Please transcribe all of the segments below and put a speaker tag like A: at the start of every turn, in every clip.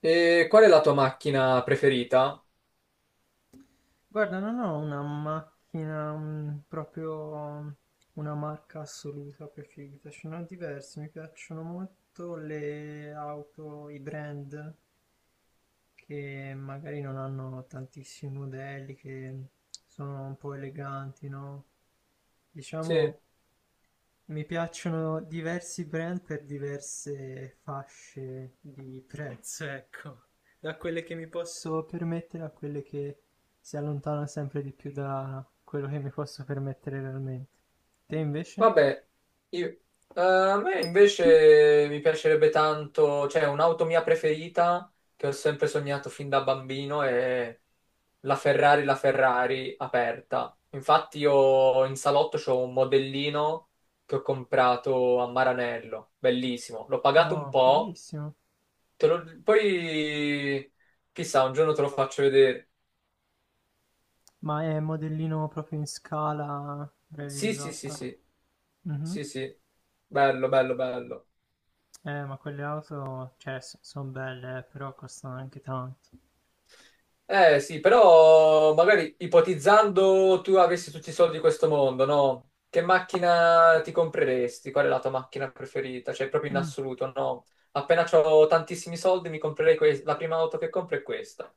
A: E qual è la tua macchina preferita?
B: Guarda, non ho una macchina, proprio una marca assoluta preferita, ce ne ho diverse, mi piacciono molto le auto, i brand che magari non hanno tantissimi modelli, che sono un po' eleganti, no?
A: Sì,
B: Diciamo, mi piacciono diversi brand per diverse fasce di prezzo, ecco. Da quelle che mi posso permettere a quelle che si allontanano sempre di più da quello che mi posso permettere realmente. Te invece?
A: vabbè, io- a me invece mi piacerebbe tanto, cioè un'auto mia preferita che ho sempre sognato fin da bambino è la Ferrari aperta. Infatti io in salotto c'ho un modellino che ho comprato a Maranello, bellissimo. L'ho pagato un
B: No,
A: po',
B: fighissimo.
A: poi chissà, un giorno te lo faccio vedere.
B: Ma è modellino proprio in scala
A: Sì, sì, sì,
B: realizzata.
A: sì.
B: Mhm.
A: Sì, sì, bello, bello, bello.
B: Ma quelle auto, cioè, sono belle, però costano anche tanto.
A: Eh sì, però magari ipotizzando tu avessi tutti i soldi di questo mondo, no? Che macchina ti compreresti? Qual è la tua macchina preferita? Cioè, proprio in assoluto, no? Appena ho tantissimi soldi mi comprerei la prima auto che compro è questa.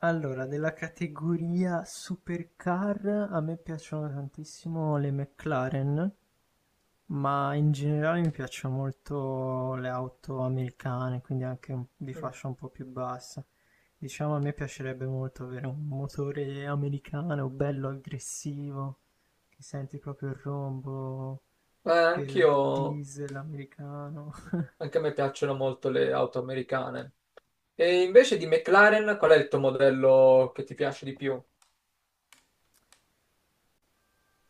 B: Allora, della categoria supercar a me piacciono tantissimo le McLaren, ma in generale mi piacciono molto le auto americane, quindi di
A: Mm.
B: fascia un po' più bassa. Diciamo, a me piacerebbe molto avere un motore americano, bello aggressivo, che senti proprio il rombo del
A: Anch'io,
B: diesel americano.
A: anche a me piacciono molto le auto americane. E invece di McLaren, qual è il tuo modello che ti piace di più?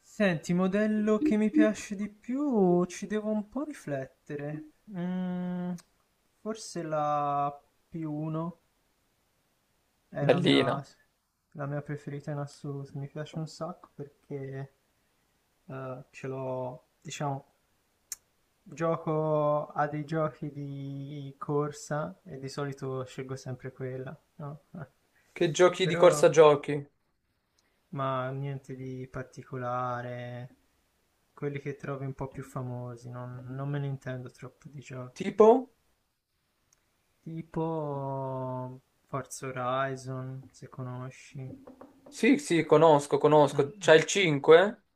B: Senti, modello che mi piace di più, ci devo un po' riflettere. Forse la P1 è la mia,
A: Bellina.
B: la mia preferita in assoluto, mi piace un sacco perché ce l'ho, diciamo, gioco a dei giochi di corsa e di solito scelgo sempre quella, no?
A: Che giochi di
B: Però
A: corsa giochi?
B: Ma niente di particolare. Quelli che trovi un po' più famosi, non me ne intendo troppo di giochi.
A: Tipo?
B: Tipo Forza Horizon, se conosci.
A: Sì, sì, conosco,
B: Mm,
A: conosco.
B: mm.
A: C'hai il 5?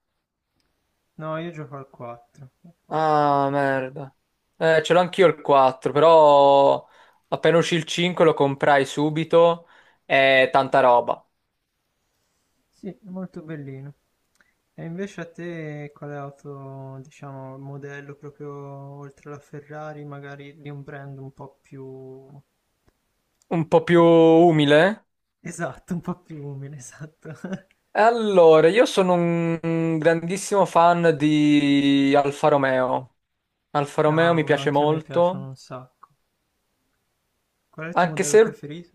B: No, io gioco al 4. Al 4.
A: Ah, merda. Ce l'ho anch'io il 4, però appena uscì il 5 lo comprai subito e tanta roba.
B: Sì, è molto bellino. E invece a te quale auto, diciamo, modello proprio oltre alla Ferrari, magari di un brand un po' più...
A: Un po' più umile.
B: Esatto, un po' più umile, esatto.
A: E allora, io sono un grandissimo fan di Alfa Romeo. Alfa Romeo mi
B: Cavolo,
A: piace
B: anche a me
A: molto,
B: piacciono un sacco. Qual è il tuo
A: anche
B: modello
A: se
B: preferito?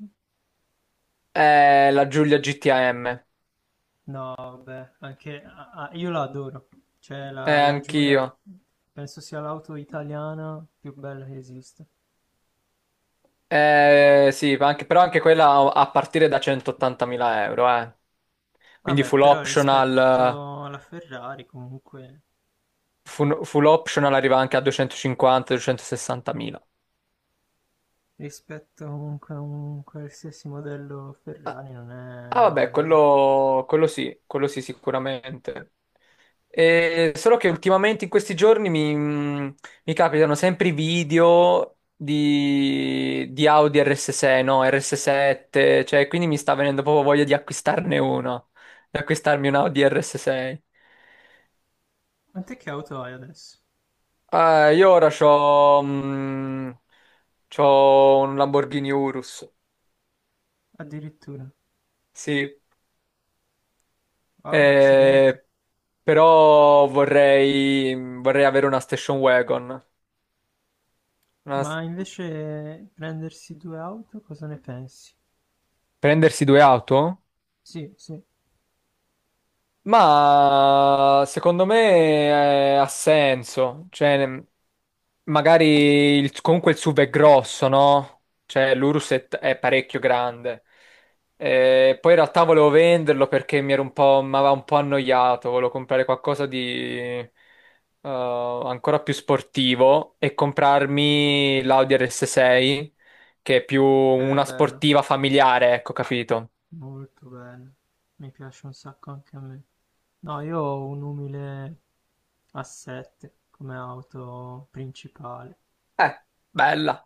A: è la Giulia GTM.
B: No, vabbè, anche ah, ah, io la adoro. Cioè, la Giulia
A: Anch'io.
B: penso sia l'auto italiana più bella che esiste.
A: Sì, però anche quella a partire da 180.000 euro, eh. Quindi
B: Vabbè,
A: full
B: però
A: optional,
B: rispetto alla Ferrari, comunque,
A: full optional arriva anche a 250-260 mila.
B: rispetto comunque a un qualsiasi modello
A: Ah,
B: Ferrari non è
A: vabbè,
B: male, dai.
A: quello, quello sì sicuramente. E solo che ultimamente in questi giorni mi capitano sempre i video di Audi RS6, no, RS7, cioè quindi mi sta venendo proprio voglia di acquistarne uno, di acquistarmi un Audi RS6.
B: Ma te che auto hai adesso?
A: Io ora c'ho un Lamborghini Urus,
B: Addirittura.
A: sì.
B: Wow, accidenti.
A: Eh, Però vorrei avere una station wagon. Una s-
B: Ma invece prendersi due auto, cosa ne pensi?
A: Prendersi due auto?
B: Sì, sì,
A: Ma secondo me ha senso, cioè magari comunque il SUV è grosso, no? Cioè l'Urus è parecchio grande. Poi in realtà volevo venderlo perché mi era un po', mi aveva un po' annoiato, volevo comprare qualcosa di eh, ancora più sportivo e comprarmi l'Audi RS6, che è più
B: è
A: una
B: bello.
A: sportiva familiare, ecco, capito?
B: Molto bello, mi piace un sacco anche a me. No, io ho un umile A7 come auto principale.
A: Eh, bella.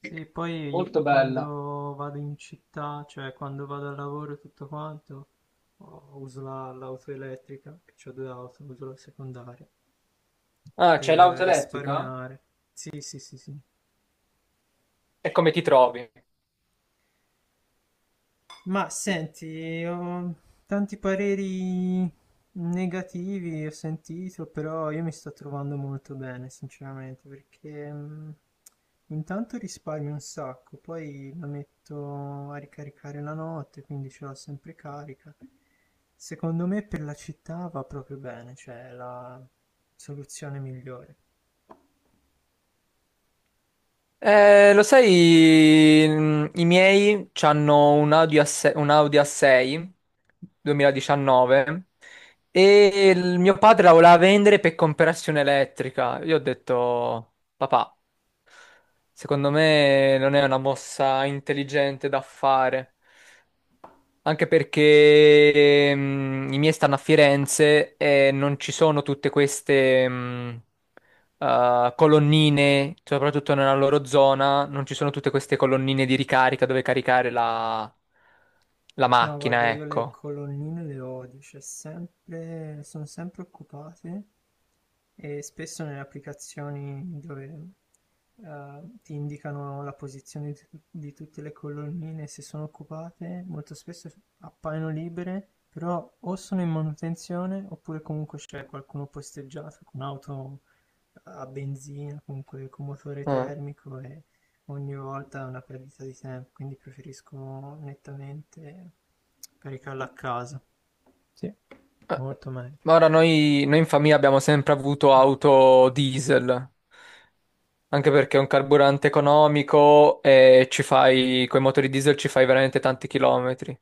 B: Sì, poi
A: Molto bella.
B: quando vado in città, cioè quando vado al lavoro e tutto quanto, oh, l'auto elettrica, che ho due auto, uso la secondaria,
A: Ah, c'è
B: per
A: l'auto elettrica?
B: risparmiare. Sì, sì, sì, sì.
A: E come ti trovi?
B: Ma senti, ho tanti pareri negativi, ho sentito, però io mi sto trovando molto bene, sinceramente, perché intanto risparmio un sacco, poi la metto a ricaricare la notte, quindi ce l'ho sempre carica. Secondo me per la città va proprio bene, cioè è la soluzione migliore.
A: Lo sai, i miei hanno un Audi A6, un Audi A6 2019, e il mio padre la voleva vendere per comprarsi un'elettrica. Io ho detto, papà, secondo me non è una mossa intelligente da fare, anche perché i miei stanno a Firenze e non ci sono tutte queste... colonnine, soprattutto nella loro zona, non ci sono tutte queste colonnine di ricarica dove caricare la
B: No,
A: macchina,
B: guarda, io le
A: ecco.
B: colonnine le odio, cioè sempre, sono sempre occupate e spesso nelle applicazioni dove ti indicano la posizione di tutte le colonnine, se sono occupate, molto spesso appaiono libere, però o sono in manutenzione oppure comunque c'è qualcuno posteggiato con auto a benzina, comunque con motore
A: Eh,
B: termico e ogni volta è una perdita di tempo, quindi preferisco nettamente caricarla a casa. Sì.
A: eh,
B: Molto meglio.
A: Ma ora noi in famiglia abbiamo sempre avuto auto diesel, anche perché è un carburante economico e ci fai, con i motori diesel ci fai veramente tanti chilometri.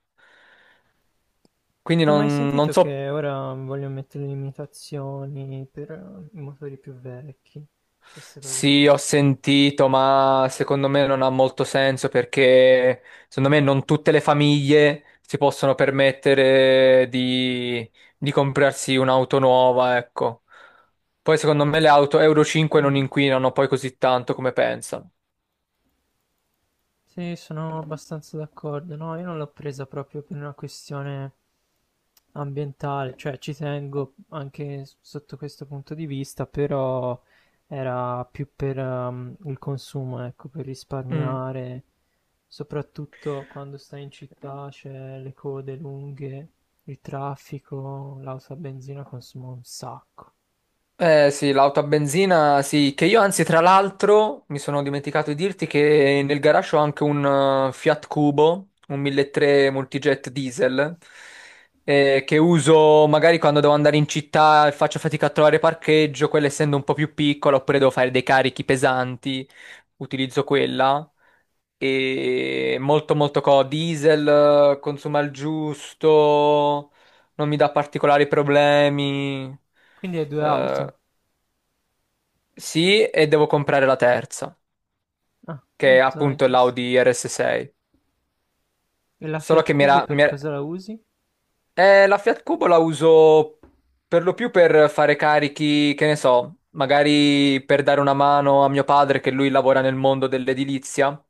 A: Quindi
B: Ho mai
A: non
B: sentito
A: so.
B: che ora vogliono mettere limitazioni per i motori più vecchi, queste cose qua.
A: Sì, ho sentito, ma secondo me non ha molto senso perché secondo me non tutte le famiglie si possono permettere di comprarsi un'auto nuova, ecco. Poi secondo me le auto Euro 5 non
B: Mm.
A: inquinano poi così tanto come pensano.
B: Sì, sono abbastanza d'accordo. No, io non l'ho presa proprio per una questione ambientale, cioè ci tengo anche sotto questo punto di vista, però era più per il consumo, ecco, per
A: Mm.
B: risparmiare, soprattutto quando stai in città, c'è le code lunghe, il traffico, l'auto a benzina consuma un sacco.
A: Eh sì, l'auto a benzina, sì, che io anzi tra l'altro mi sono dimenticato di dirti che nel garage ho anche un Fiat Cubo, un 1.3 multijet diesel, che uso magari quando devo andare in città e faccio fatica a trovare parcheggio, quella essendo un po' più piccola, oppure devo fare dei carichi pesanti, utilizzo quella. E molto molto diesel, consuma il giusto, non mi dà particolari problemi.
B: Quindi hai due
A: Eh,
B: auto.
A: sì, e devo comprare la terza,
B: Ah,
A: che è
B: molto
A: appunto
B: interessante.
A: l'Audi RS6.
B: E la
A: Solo
B: Fiat
A: che
B: Cubo per
A: mi era-
B: cosa la usi?
A: La Fiat Cubo la uso per lo più per fare carichi, che ne so, magari per dare una mano a mio padre, che lui lavora nel mondo dell'edilizia,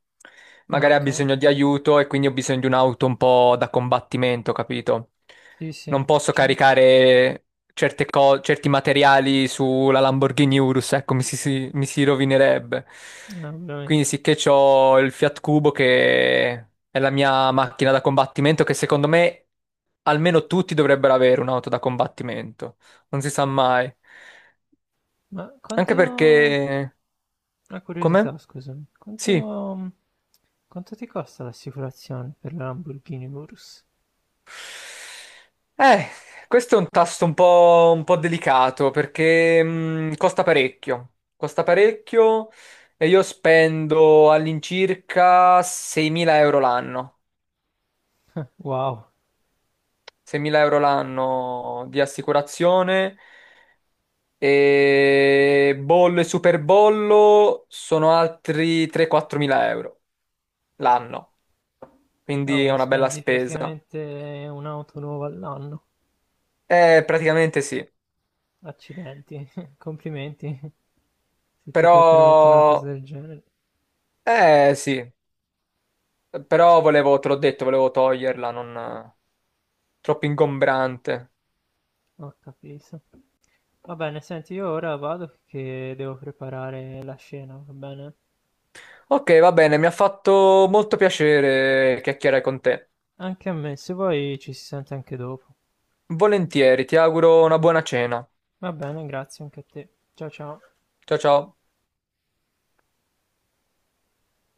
B: Ah,
A: magari ha
B: ok.
A: bisogno di aiuto e quindi ho bisogno di un'auto un po' da combattimento, capito?
B: Sì, sì,
A: Non posso
B: ci-
A: caricare certi materiali sulla Lamborghini Urus, ecco, mi si rovinerebbe. Quindi
B: ovviamente.
A: sicché c'ho il Fiat Cubo che è la mia macchina da combattimento, che secondo me almeno tutti dovrebbero avere un'auto da combattimento, non si sa mai.
B: Ma
A: Anche
B: quanto...
A: perché.
B: Una
A: Come?
B: curiosità, scusami,
A: Sì.
B: quanto... Quanto ti costa l'assicurazione per la Lamborghini Urus?
A: Eh, questo è un tasto un po' delicato perché costa parecchio e io spendo all'incirca 6.000 euro l'anno,
B: Wow,
A: 6.000 euro l'anno di assicurazione, e bollo e superbollo sono altri 3-4.000 euro l'anno, quindi è
B: cavolo,
A: una bella
B: spendi
A: spesa.
B: praticamente un'auto nuova all'anno.
A: Praticamente sì,
B: Accidenti, complimenti, se ti puoi permettere una cosa
A: però.
B: del genere.
A: Eh sì, però volevo, te l'ho detto, volevo toglierla, non troppo ingombrante.
B: Ho capito. Va bene, senti, io ora vado che devo preparare la scena, va bene?
A: Ok, va bene, mi ha fatto molto piacere chiacchierare con te.
B: Anche a me, se vuoi ci si sente anche dopo.
A: Volentieri, ti auguro una buona cena.
B: Va bene, grazie anche a te. Ciao ciao.
A: Ciao ciao.